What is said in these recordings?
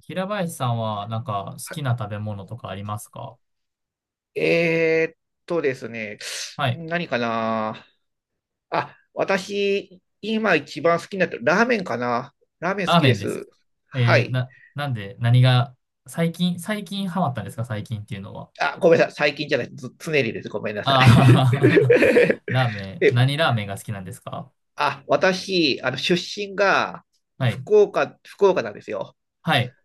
平林さんは、好きなは食べ物とかありますか？えーっとですね、はい。何かな。あ、私、今一番好きになってるラーメンかな。ラーメン好ラーきメでンです。す。はえー、い。な、なんで、何が、最近ハマったんですか？最近っていうのは。あ、ごめんなさい。最近じゃない。ず常にです。ごめんなさい。ああ ラーメン、で、何ラーメンが好きなんですか？あ、私、あの、出身がはい。福岡なんですよ。はい。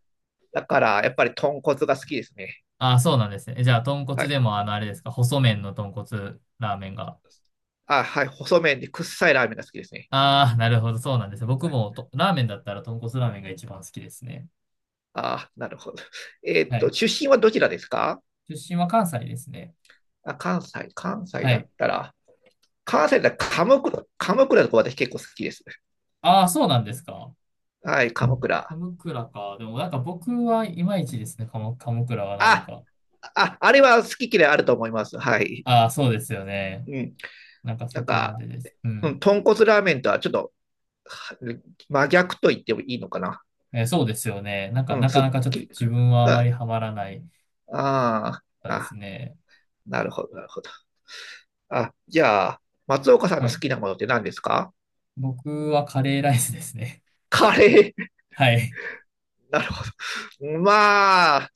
だから、やっぱり豚骨が好きですね。ああ、そうなんですね。え、じゃあ、豚は骨でい。も、あれですか？細麺の豚骨ラーメンが。あ、はい。細麺で、くっさいラーメンが好きですね。ああ、なるほど、そうなんですね。僕もと、ラーメンだったら豚骨ラーメンが一番好きですね。あ、なるほど。はい。出身はどちらですか？出身は関西ですね。あ、関西はだい。ったら。関西だったら鎌倉とか私結構好きです。ああ、そうなんですか。はい、鎌倉。鎌倉か。でも僕はいまいちですね、鎌倉はなぜあ、か。あ、あれは好き嫌いあると思います。はい。ああ、そうですよね。うん。なそんこまか、でです。ううん、ん。豚骨ラーメンとはちょっと真逆と言ってもいいのかな。えー、そうですよね。うん、なかすっなかちょっときり。自分はあまはりい。ハマらないああ、ですあ、ね。なるほど、なるほど。あ、じゃあ、松岡さんはの好い。きなものって何ですか？僕はカレーライスですね。カレー。はい。なるほど。まあ、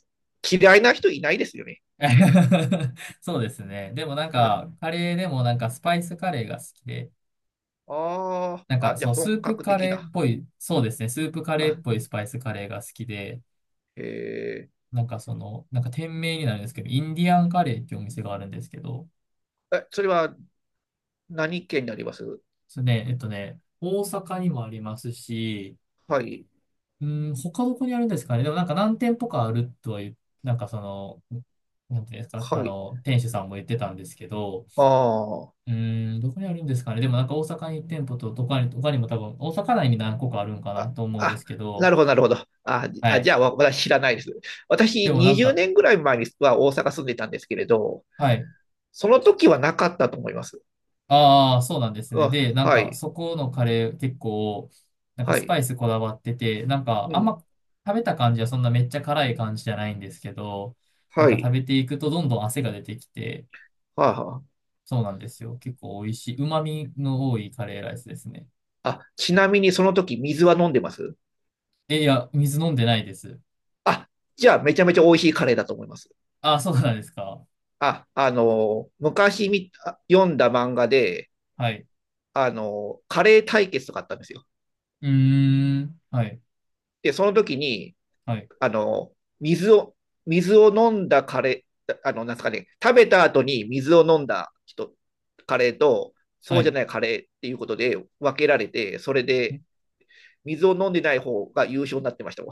嫌いな人いないですよね。そうですね。でもうん。あカレーでもスパイスカレーが好きで、あ、あ、じゃあス本ープ格カ的レーな。っぽい、そうですね、スープカレーっあ、ぽいスパイスカレーが好きで、え店名になるんですけど、インディアンカレーっていうお店があるんですけど、え、それは何県になりますそれね、大阪にもありますし、はい、うん、他どこにあるんですかね。でも何店舗かあるとは言う、なんかその、なんていうんですか、あはい。の、店主さんも言ってたんですけど、あどこにあるんですかね。でも大阪にいち店舗と、他にも多分、大阪内に何個かあるんかあ、なあ、と思うんであ、すけなど、るほど、なるほど。あ、じはあ、じい。ゃあ、私知らないです。で私、も20年ぐらい前には大阪住んでたんですけれど、はい。その時はなかったと思います。ああ、そうなんですね。あ、で、はい、そこのカレー結構、はスパい、イスこだわってて、うあんん、ま食べた感じはそんなめっちゃ辛い感じじゃないんですけど、は食い、べていくとどんどん汗が出てきて、はあ、はそうなんですよ。結構美味しい、旨味の多いカレーライスですね。あ。あ、ちなみにその時水は飲んでますえ、いや、水飲んでないです。あ、じゃあ、めちゃめちゃ美味しいカレーだと思います。ああ、そうなんですか。あ、あのー、昔み、あ読んだ漫画で、はい。あのー、カレー対決とかあったんですよ。うーん。はい。で、その時に、はい。あの、水を、水を飲んだカレー、あの、なんですかね、食べた後に水を飲んだ人、カレーと、そはうじゃい。ないカレーっていうことで分けられて、それで水を飲んでない方が優勝になってました。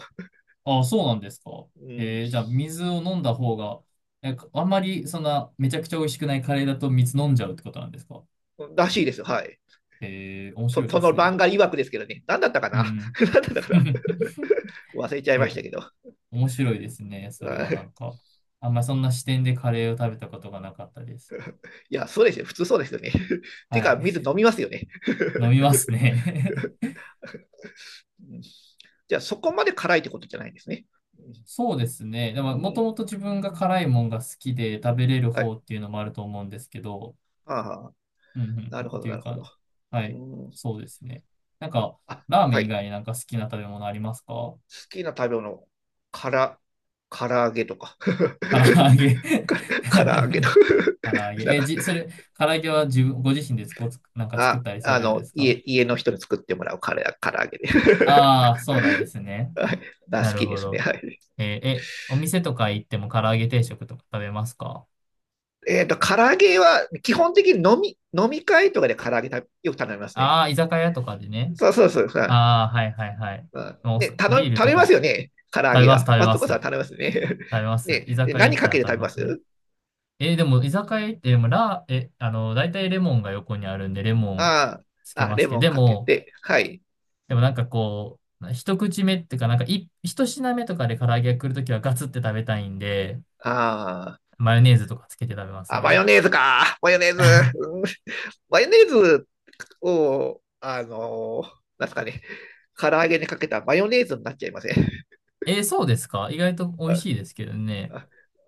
ああ、そうなんですか。うん、えー、じゃあ、水を飲んだ方が、え、あんまり、そんな、めちゃくちゃ美味しくないカレーだと水飲んじゃうってことなんですか。らしいですよ、はい。えー、面白そいそでのすね。漫画曰くですけどね、何だったかうんうな。 ん。何だったかな、忘 れちゃいえ、ましたけど。面白いですね。それはなんか、あんまりそんな視点でカレーを食べたことがなかったです。いや、そうですよ、普通そうですよね。てはいうか、い。水飲みますよね。飲みますね。じゃあ、そこまで辛いってことじゃないんですね。そうですね。でうも、もとん、もと自分が辛いもんが好きで食べれるは方い。っていうのもあると思うんですけど、ああ、うんうんなうん、るっほど、ていなうるほ感ど。じ。はうい。ん。そうですね。なんか、あ、ラーメンは以い。好外に好きな食べ物ありますか？きな食べ物、から、唐揚げとか。唐揚げ 唐揚げとか。唐揚げ。なんえ、か、じ、それ、唐揚げは自分、ご自身でつこつ、なんか作あ、ったりさあれるんでの、すか？家の人に作ってもらうから唐揚げで。ああー、そうなんですね。はい。がな好るきでほすね。ど。はい。えー、え、お店とか行っても唐揚げ定食とか食べますか？唐揚げは、基本的に飲み会とかで唐揚げ食べよく頼みますね。ああー、居酒屋とかでね。そうそうそう。うああ、はいはいはい。うんもうおね、そビ頼、ール頼とみかまもすよね。唐揚食べげます、は。食べ松ます。岡さん食頼みますよね。べま す。ね、居で酒屋行何っかたらけ食てべ食べまますね。すえーでも、居酒屋行って、でも、ラー、え、あの、大体レモンが横にあるんで、レモンあつけあ、あ、まレすけど、モンでかけも、て、はい。でもこう、一口目っていうか、一品目とかで唐揚げが来るときはガツって食べたいんで、あマヨネーズとかつけて食べますあ、あ、マね。ヨネーズか。マヨネーズ。うん、マヨネーズを、あのーなんすかね、唐揚げにかけたらマヨネーズになっちゃいませんえー、そうですか？意外と美味あ、しいですけどね。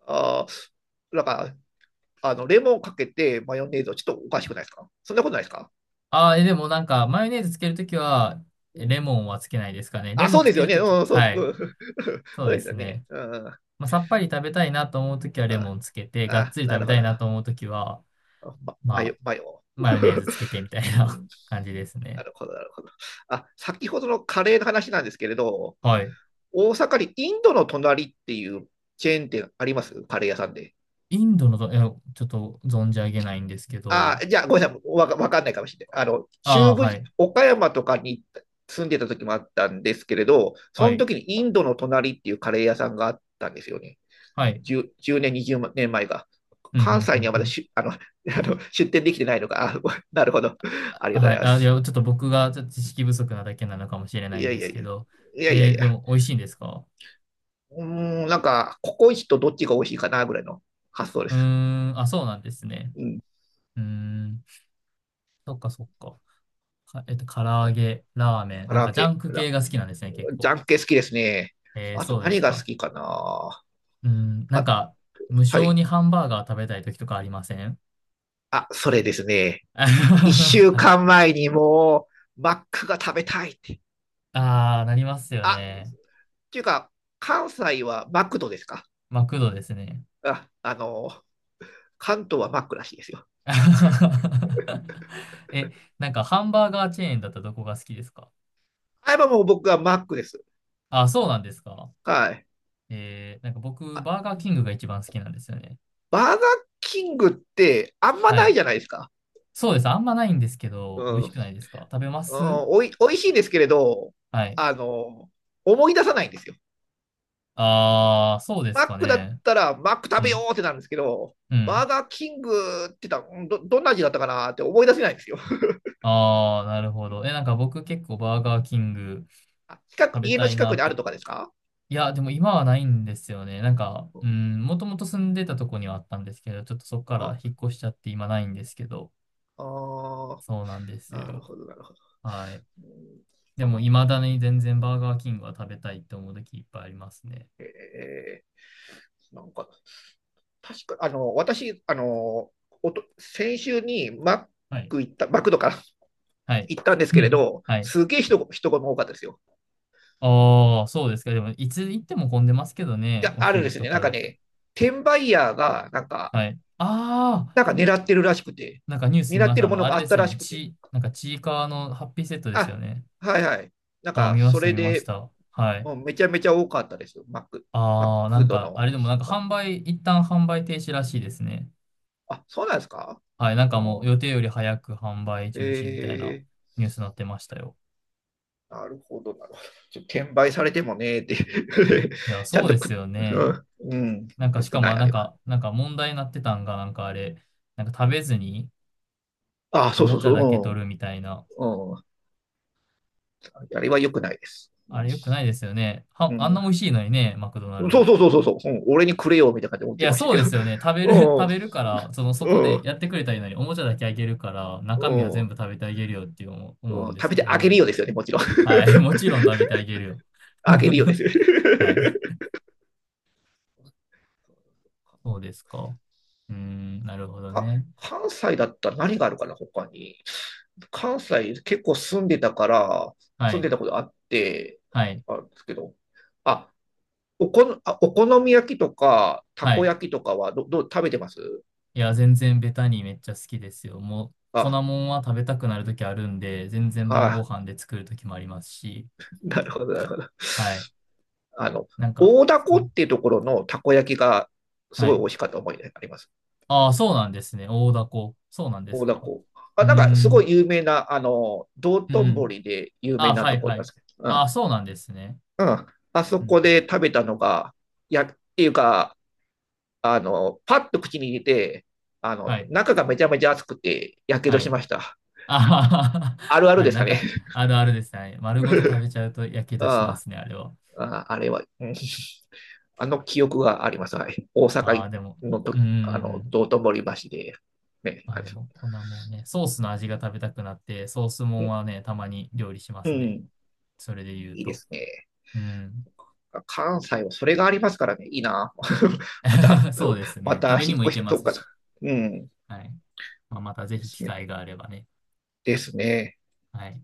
あ、あ、なんか、あの、レモンかけてマヨネーズをちょっとおかしくないですか？そんなことないですか？ああ、えー、でもマヨネーズつけるときは、うえん。レモンはつけないですかね。レあ、モそンうつですけよるね。とき、うん、そう、はうい。ん、そうそうでですすよね。ね。うん。まあ、さっぱり食べたいなと思うときはレあ、モンつけて、がっあ、つりな食るべほたど。いなと思うときは、ま、マヨ。マヨネーズ つけてみたいうな ん、感じですなね。るほど、なるほど。あ、先ほどのカレーの話なんですけれど、はい。大阪にインドの隣っていうチェーン店ありますカレー屋さんで。インドのど、いや、ちょっと存じ上げないんですけあ、ど、じゃあ、ごめんなさい。わかんないかもしれない。あの、あ中あ、部、はい、岡山とかに住んでた時もあったんですけれど、はそのい、時にインドの隣っていうカレー屋さんがあったんですよね。はい。10年、20年前が。うん、う関ん、う西にん、はうまだん。しあの あの出店できてないのか。あ、なるほど。ありがとうはごい。ざいまあ、いや、す。ちょっと僕がちょっと知識不足なだけなのかもしれないいんやでいやすいけや。ど、いやいやえいー、でや。も美味しいんですか？うーん、なんか、ココイチとどっちが美味しいかなぐらいの発想でうす。ーん、あ、そうなんですね。うん。うーん、そっかそっか。か、えっと、唐揚あ、げ、ラーメン、唐揚ジャげ、ンクほ系ら、が好きなんですね、結ジ構。ャンケ好きですね。えー、あとそうです何が好か。きかな。うーん、あ、無は性にい。ハンバーガー食べたい時とかありません？ あ、それですね。一週はい。間前にもう、マックが食べたいって。ああ、なりますよあ、っね。ていうか、関西はマクドですか？マクドですね。あ、あの、関東はマックらしいですよ。え、ハンバーガーチェーンだったらどこが好きですか？あ、今もう僕はマックです。あ、そうなんですか？はい。えー、僕、あ、バーガーキングが一番好きなんですよね。バーガーキングってあんまはないい。じゃないですか。そうです。あんまないんですけうど、美味ん。うしん、くないですか？食べます？おいしいですけれど、はい。あの、思い出さないんですよ。ああ、そうでマすッかクだっね。たら、マックう食べよん。うってなるんですけど、うバん。ーガーキングって言ったら、どんな味だったかなって思い出せないんですよ。ああ、なるほど。え、僕結構バーガーキング あ、近く、食べ家たのい近なくにっあて、るとかですか？いや、でも今はないんですよね。もともと住んでたとこにはあったんですけど、ちょっとそこからあ、引っ越しちゃって今ないんですけど、あ、そうなんですなるよ。ほど、なるほど。はい。うん、でこも、の、未だに全然バーガーキングは食べたいって思う時いっぱいありますね。えなんか、確か、あの、私、あの、先週にマッはい。ク行った、マクドからはい。行ったんですうけれん、ど、はい。すげえ人が多かったですよ。ああ、そうですか。でも、いつ行っても混んでますけどね、や、おあるんで昼すとね。なんかかだったら。ね、転売ヤーが、なんか、はい。ああ、なんか狙ってるらしくて、ニュース見狙っましてた。るあもの、のあがれあでっすたよらね。しくて、ち、ちいかわのハッピーセットですよあ、ね。はいはい。なんああ、か、見まそした、れ見ましで、た。はい。もうめちゃめちゃ多かったですよ。マッああ、なクんドか、あの。れでもなんかあ、販売、一旦販売停止らしいですね。あ、そうなんですか？はい、もうお予定より早く販売中止みたいなえニュースになってましたよ。ー、なるほど、なるほど。転売されてもねーって いや、ちゃそんうでとすく、ようね。ん、うん、なんかよしくかなも、い、あなんれは。か、なんか問題になってたんが、なんかあれ、なんか食べずにあ、おそうもそうちゃだけそ取るみたいな。う。うん、うん、あれはよくないです。あれ良くないですよね。うは、ん、うあんな美味ん、しいのにね、マクドナそルうド。そうそうそうそう、うん、俺にくれよ、みたいな感じで思っいてや、ましたそうけですど。よね。食べる、食べ るから、その、そうこん、うでん、やってくれたらいいのに、おもちゃだけあげるから、中う身は全部食ん、べてあげるよって思う、思ううん、んで食すべけてどあげね。るよですよね、もちろん。はい。もちろん食べてあげるよ。あげるよですよ。は い。そうですか。うーん、なるほどかね。関西だったら何があるかな、他に。関西結構住んでたから、は住んでい。たことあって、はい。あるんですけど。あ、あ、お好み焼きとか、たはこい。焼きとかはどう、食べてますいや、全然ベタにめっちゃ好きですよ。もう、粉もあ、んは食べたくなるときあるんで、全然晩ごあ、飯で作るときもありますし。なるほど、なるほど。はい。あの、なんか、大凧っんていうところのたこ焼きがすはごい美い。味しかった思い出があります。ああ、そうなんですね。大凧。そうなんです大か。凧。うあ、ーなんかすごん。い有名な、あの、道うんう頓ん。堀で有あ名あ、なはといころはなんでい。すけど、うあん。あ、そうなんですね。うん。あそうん、こで食べたのが、や、っていうか、あの、パッと口に入れて、あはの、い。中がめちゃめちゃ熱くて、やけはどしい。ました。あはは ある あるあでれ、すかね。あるあるですね。丸ごと食 べちゃうとやけどしまあすね、あれは。あ、あれは、うん、あの記憶があります。はい。大あ阪あ、でも、のうと、んうんあうの、ん。道頓堀橋で、ね、まああれでも、こんなもんね、ソースの味が食べたくなって、ソースもうんん、はね、たまに料理しまうすね。ん、それで言ういいでと。すね。うん。関西はそれがありますからね、いいな。また、そうですまね。た食べに引っも行越けしまとすか、し。うん、はい。まあ、またぜでひ機すね。会があればね。ですね。はい。